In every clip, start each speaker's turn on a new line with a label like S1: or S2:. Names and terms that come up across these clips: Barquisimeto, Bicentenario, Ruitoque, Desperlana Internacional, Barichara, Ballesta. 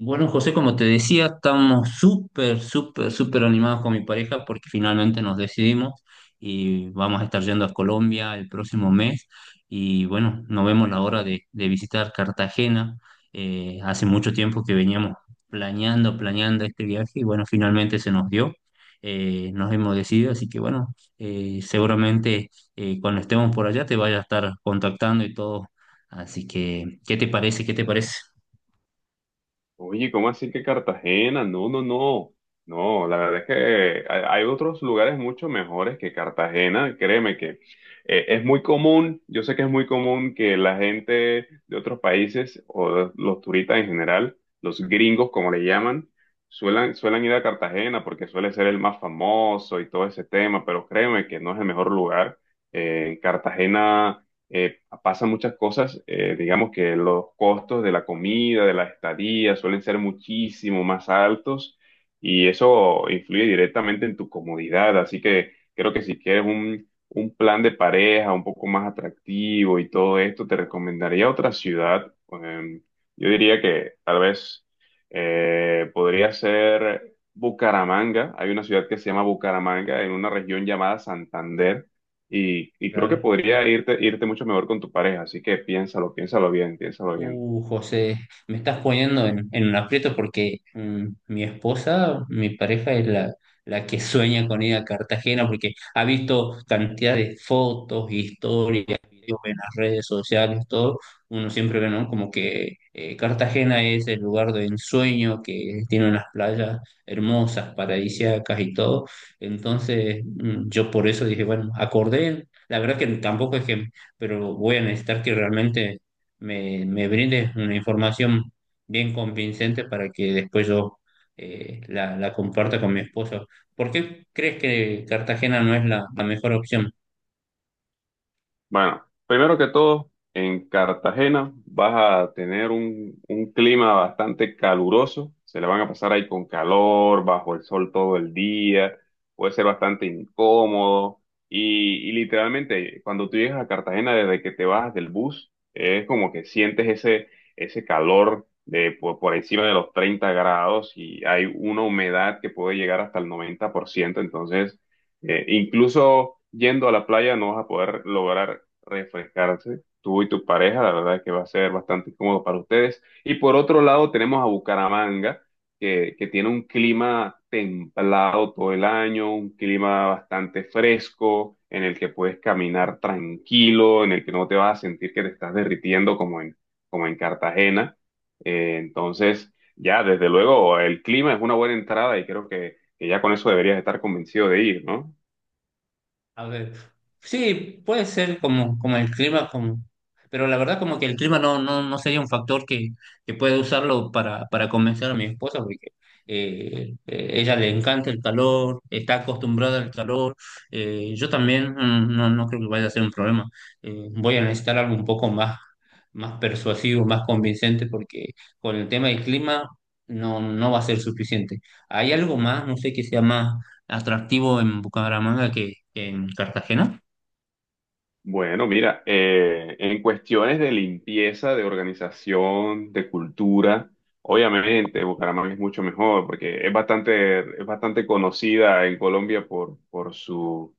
S1: Bueno, José, como te decía, estamos súper, súper, súper animados con mi pareja porque finalmente nos decidimos y vamos a estar yendo a Colombia el próximo mes y bueno, nos vemos la hora de visitar Cartagena. Hace mucho tiempo que veníamos planeando este viaje y bueno, finalmente se nos dio. Nos hemos decidido, así que bueno, seguramente cuando estemos por allá te vaya a estar contactando y todo. Así que, ¿qué te parece? ¿Qué te parece?
S2: Oye, ¿cómo así que Cartagena? No, no, no. No, la verdad es que hay otros lugares mucho mejores que Cartagena. Créeme que es muy común, yo sé que es muy común que la gente de otros países los turistas en general, los gringos como le llaman, suelen ir a Cartagena porque suele ser el más famoso y todo ese tema, pero créeme que no es el mejor lugar. Cartagena pasan muchas cosas, digamos que los costos de la comida, de la estadía, suelen ser muchísimo más altos y eso influye directamente en tu comodidad. Así que creo que si quieres un plan de pareja un poco más atractivo y todo esto, te recomendaría otra ciudad. Yo diría que tal vez podría ser Bucaramanga. Hay una ciudad que se llama Bucaramanga en una región llamada Santander y creo que
S1: Claro.
S2: podría irte mucho mejor con tu pareja, así que piénsalo, piénsalo bien, piénsalo bien.
S1: José, me estás poniendo en un aprieto porque mi esposa, mi pareja es la que sueña con ir a Cartagena porque ha visto cantidad de fotos, historias, videos en las redes sociales, todo. Uno siempre ve, ¿no? Como que Cartagena es el lugar de ensueño, que tiene unas playas hermosas, paradisíacas y todo. Entonces, yo por eso dije, bueno, acordé. La verdad que tampoco es que, pero voy a necesitar que realmente me brindes una información bien convincente para que después yo la comparta con mi esposo. ¿Por qué crees que Cartagena no es la mejor opción?
S2: Bueno, primero que todo, en Cartagena vas a tener un clima bastante caluroso, se le van a pasar ahí con calor, bajo el sol todo el día, puede ser bastante incómodo y literalmente cuando tú llegas a Cartagena desde que te bajas del bus, es como que sientes ese calor de por encima de los 30 grados y hay una humedad que puede llegar hasta el 90%. Entonces... incluso yendo a la playa no vas a poder lograr refrescarse, tú y tu pareja, la verdad que va a ser bastante cómodo para ustedes. Y por otro lado tenemos a Bucaramanga, que tiene un clima templado todo el año, un clima bastante fresco, en el que puedes caminar tranquilo, en el que no te vas a sentir que te estás derritiendo como en Cartagena. Entonces, ya, desde luego, el clima es una buena entrada y creo que ya con eso deberías estar convencido de ir, ¿no?
S1: A ver, sí, puede ser como, como el clima, como, pero la verdad como que el clima no, no, no sería un factor que pueda usarlo para convencer a mi esposa, porque ella le encanta el calor, está acostumbrada al calor, yo también, no, no creo que vaya a ser un problema. Voy a necesitar algo un poco más, más persuasivo, más convincente, porque con el tema del clima no, no va a ser suficiente. Hay algo más, no sé, que sea más atractivo en Bucaramanga que en Cartagena.
S2: Bueno, mira, en cuestiones de limpieza, de organización, de cultura, obviamente Bucaramanga es mucho mejor porque es bastante conocida en Colombia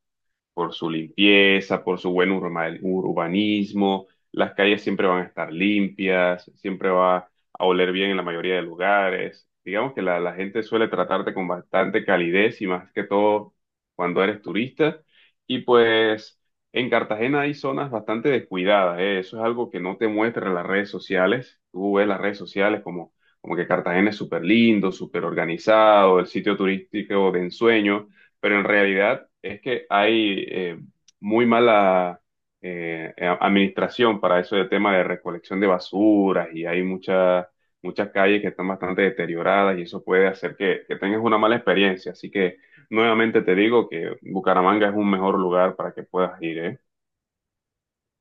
S2: por su limpieza, por su buen urbanismo. Las calles siempre van a estar limpias, siempre va a oler bien en la mayoría de lugares. Digamos que la gente suele tratarte con bastante calidez y más que todo cuando eres turista. Y pues en Cartagena hay zonas bastante descuidadas, ¿eh? Eso es algo que no te muestran las redes sociales. Tú ves las redes sociales como que Cartagena es súper lindo, súper organizado, el sitio turístico de ensueño, pero en realidad es que hay muy mala administración para eso de tema de recolección de basuras y hay muchas calles que están bastante deterioradas y eso puede hacer que tengas una mala experiencia. Así que nuevamente te digo que Bucaramanga es un mejor lugar para que puedas ir, ¿eh?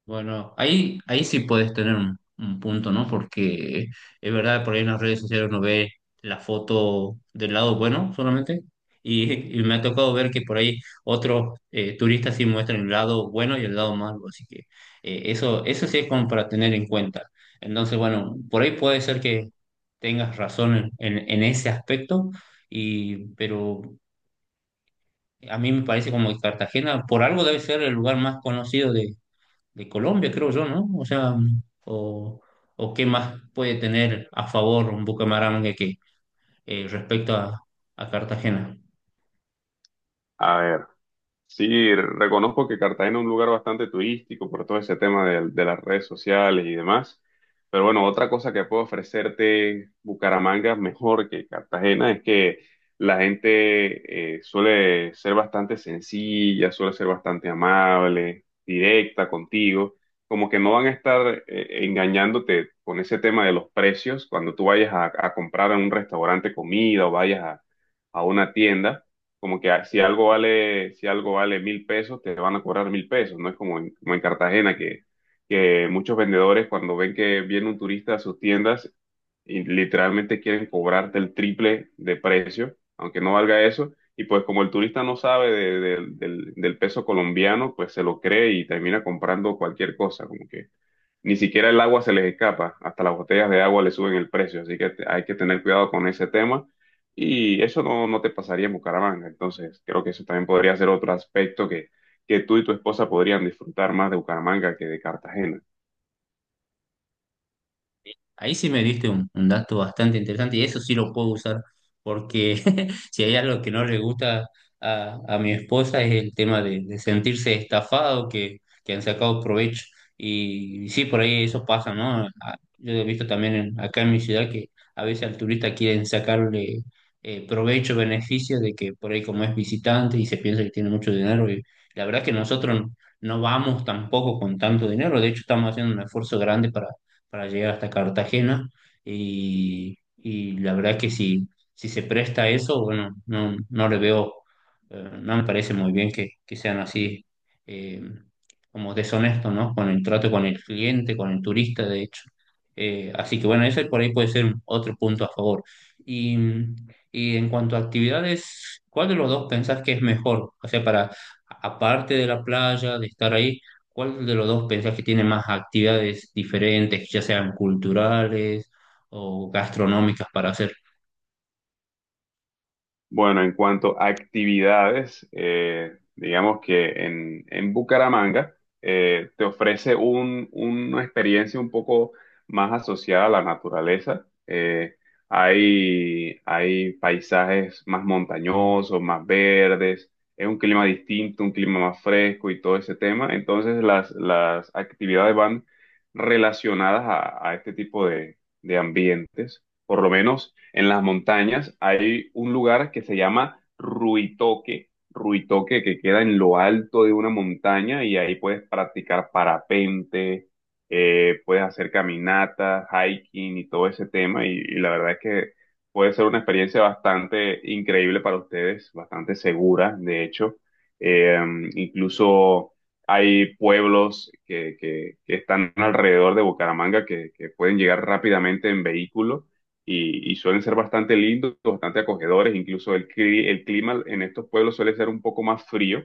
S1: Bueno, ahí, ahí sí puedes tener un punto, ¿no? Porque es verdad, por ahí en las redes sociales uno ve la foto del lado bueno solamente. Y y me ha tocado ver que por ahí otros turistas sí muestran el lado bueno y el lado malo. Así que eso, eso sí es como para tener en cuenta. Entonces, bueno, por ahí puede ser que tengas razón en, en ese aspecto, y, pero a mí me parece como que Cartagena, por algo debe ser el lugar más conocido de Colombia, creo yo, ¿no? O sea, o, o qué más puede tener a favor un Bucaramanga que respecto a Cartagena.
S2: A ver. Sí, reconozco que Cartagena es un lugar bastante turístico por todo ese tema de las redes sociales y demás. Pero bueno, otra cosa que puedo ofrecerte Bucaramanga mejor que Cartagena es que la gente suele ser bastante sencilla, suele ser bastante amable, directa contigo. Como que no van a estar engañándote con ese tema de los precios cuando tú vayas a comprar en un restaurante comida o vayas a una tienda, como que si algo vale, si algo vale 1.000 pesos, te van a cobrar 1.000 pesos, no es como como en Cartagena que muchos vendedores cuando ven que viene un turista a sus tiendas y literalmente quieren cobrarte el triple de precio, aunque no valga eso, y pues como el turista no sabe del peso colombiano, pues se lo cree y termina comprando cualquier cosa, como que ni siquiera el agua se les escapa, hasta las botellas de agua le suben el precio, así que hay que tener cuidado con ese tema. Y eso no te pasaría en Bucaramanga, entonces creo que eso también podría ser otro aspecto que tú y tu esposa podrían disfrutar más de Bucaramanga que de Cartagena.
S1: Ahí sí me diste un dato bastante interesante y eso sí lo puedo usar porque si hay algo que no le gusta a mi esposa es el tema de sentirse estafado, que han sacado provecho. Y, sí, por ahí eso pasa, ¿no? Yo he visto también acá en mi ciudad que a veces al turista quieren sacarle provecho, beneficio de que por ahí como es visitante y se piensa que tiene mucho dinero. Y la verdad que nosotros no vamos tampoco con tanto dinero, de hecho estamos haciendo un esfuerzo grande para llegar hasta Cartagena y la verdad que si, si se presta a eso, bueno, no, no le veo, no me parece muy bien que sean así eh, como deshonestos, ¿no? Con el trato con el cliente, con el turista, de hecho. Así que bueno, ese por ahí puede ser otro punto a favor. Y, y en cuanto a actividades, ¿cuál de los dos pensás que es mejor? O sea, para, aparte de la playa, de estar ahí, ¿cuál de los dos pensás que tiene más actividades diferentes, ya sean culturales o gastronómicas para hacer?
S2: Bueno, en cuanto a actividades, digamos que en Bucaramanga te ofrece una experiencia un poco más asociada a la naturaleza. Hay paisajes más montañosos, más verdes, es un clima distinto, un clima más fresco y todo ese tema. Entonces las actividades van relacionadas a este tipo de ambientes. Por lo menos en las montañas, hay un lugar que se llama Ruitoque, Ruitoque que queda en lo alto de una montaña y ahí puedes practicar parapente, puedes hacer caminatas, hiking y todo ese tema y la verdad es que puede ser una experiencia bastante increíble para ustedes, bastante segura, de hecho. Eh, Incluso hay pueblos que están alrededor de Bucaramanga que pueden llegar rápidamente en vehículo y suelen ser bastante lindos, bastante acogedores, incluso el clima en estos pueblos suele ser un poco más frío,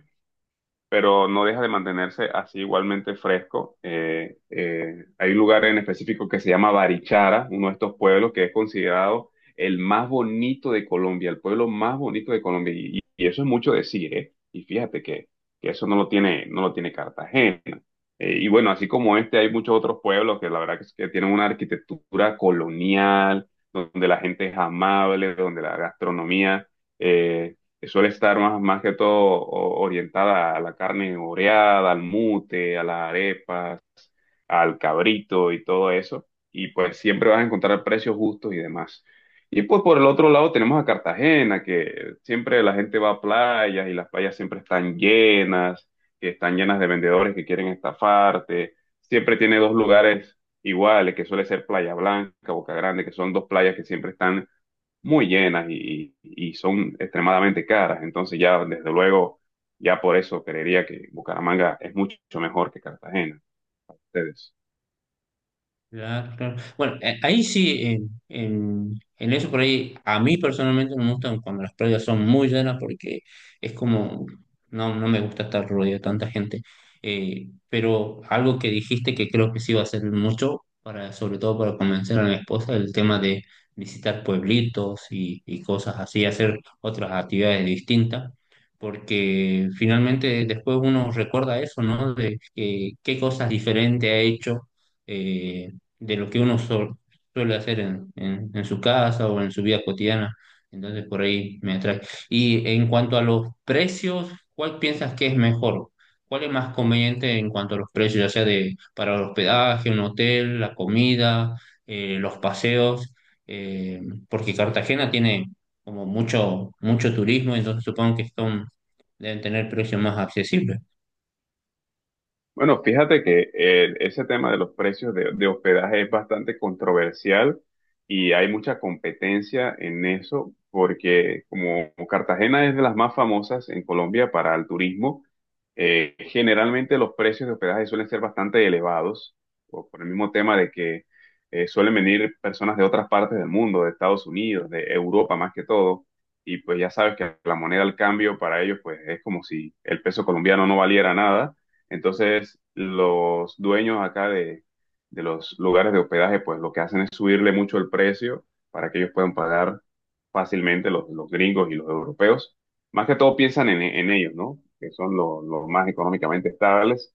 S2: pero no deja de mantenerse así igualmente fresco. Hay un lugar en específico que se llama Barichara, uno de estos pueblos que es considerado el más bonito de Colombia, el pueblo más bonito de Colombia, y eso es mucho decir, ¿eh? Y fíjate que eso no lo tiene, no lo tiene Cartagena. Y bueno, así como este, hay muchos otros pueblos que la verdad que, es que tienen una arquitectura colonial, donde la gente es amable, donde la gastronomía eh, suele estar más que todo orientada a la carne oreada, al mute, a las arepas, al cabrito y todo eso. Y pues siempre vas a encontrar precios justos y demás. Y pues por el otro lado tenemos a Cartagena, que siempre la gente va a playas y las playas siempre están llenas, que están llenas de vendedores que quieren estafarte. Siempre tiene dos lugares iguales, que suele ser Playa Blanca, Boca Grande, que son dos playas que siempre están muy llenas y son extremadamente caras. Entonces ya, desde luego, ya por eso creería que Bucaramanga es mucho mejor que Cartagena. Ustedes.
S1: Claro, claro. Bueno, ahí sí, en, en eso por ahí, a mí personalmente no me gustan cuando las playas son muy llenas porque es como, no, no me gusta estar rodeado de tanta gente. Pero algo que dijiste que creo que sí va a ser mucho, para, sobre todo para convencer a mi esposa, el tema de visitar pueblitos y cosas así, hacer otras actividades distintas, porque finalmente después uno recuerda eso, ¿no? Qué cosas diferentes ha hecho, eh, de lo que uno suele hacer en, en su casa o en su vida cotidiana. Entonces por ahí me atrae. Y en cuanto a los precios, ¿cuál piensas que es mejor? ¿Cuál es más conveniente en cuanto a los precios, ya sea de para el hospedaje, un hotel, la comida, los paseos? Eh, porque Cartagena tiene como mucho, mucho turismo, entonces supongo que son, deben tener precios más accesibles.
S2: Bueno, fíjate que ese tema de los precios de hospedaje es bastante controversial y hay mucha competencia en eso porque como Cartagena es de las más famosas en Colombia para el turismo, generalmente los precios de hospedaje suelen ser bastante elevados, o por el mismo tema de que suelen venir personas de otras partes del mundo, de Estados Unidos, de Europa más que todo, y pues ya sabes que la moneda al cambio para ellos pues es como si el peso colombiano no valiera nada. Entonces, los dueños acá de los lugares de hospedaje, pues lo que hacen es subirle mucho el precio para que ellos puedan pagar fácilmente los gringos y los europeos. Más que todo piensan en ellos, ¿no? Que son los más económicamente estables.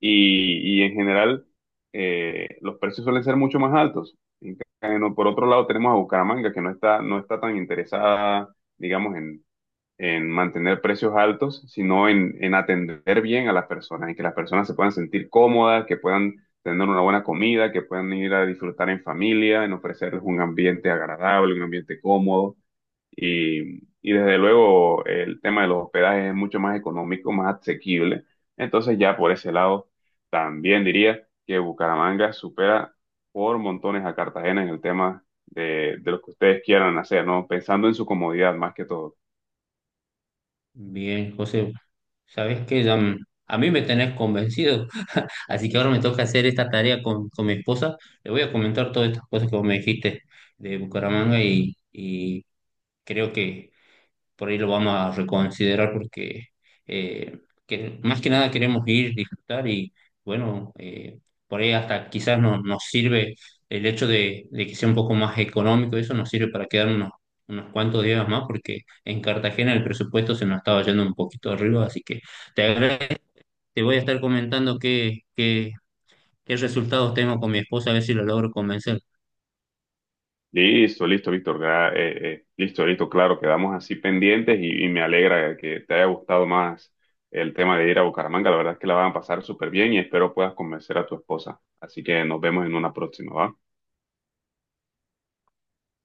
S2: Y en general, los precios suelen ser mucho más altos. En cambio, por otro lado, tenemos a Bucaramanga, que no está tan interesada, digamos, en mantener precios altos, sino en atender bien a las personas, en que las personas se puedan sentir cómodas, que puedan tener una buena comida, que puedan ir a disfrutar en familia, en ofrecerles un ambiente agradable, un ambiente cómodo. Y desde luego el tema de los hospedajes es mucho más económico, más asequible. Entonces ya por ese lado, también diría que Bucaramanga supera por montones a Cartagena en el tema de lo que ustedes quieran hacer, ¿no? Pensando en su comodidad más que todo.
S1: Bien, José, sabes que ya, a mí me tenés convencido, así que ahora me toca hacer esta tarea con mi esposa. Le voy a comentar todas estas cosas que vos me dijiste de Bucaramanga y creo que por ahí lo vamos a reconsiderar porque eh, que más que nada queremos ir, disfrutar y bueno, por ahí hasta quizás nos sirve el hecho de que sea un poco más económico, eso nos sirve para quedarnos unos, unos cuantos días más porque en Cartagena el presupuesto se nos estaba yendo un poquito arriba, así que te agradezco, te voy a estar comentando qué, qué, qué resultados tengo con mi esposa, a ver si lo logro convencer.
S2: Listo, listo, Víctor. Listo, listo, claro, quedamos así pendientes y me alegra que te haya gustado más el tema de ir a Bucaramanga. La verdad es que la van a pasar súper bien y espero puedas convencer a tu esposa. Así que nos vemos en una próxima, ¿va?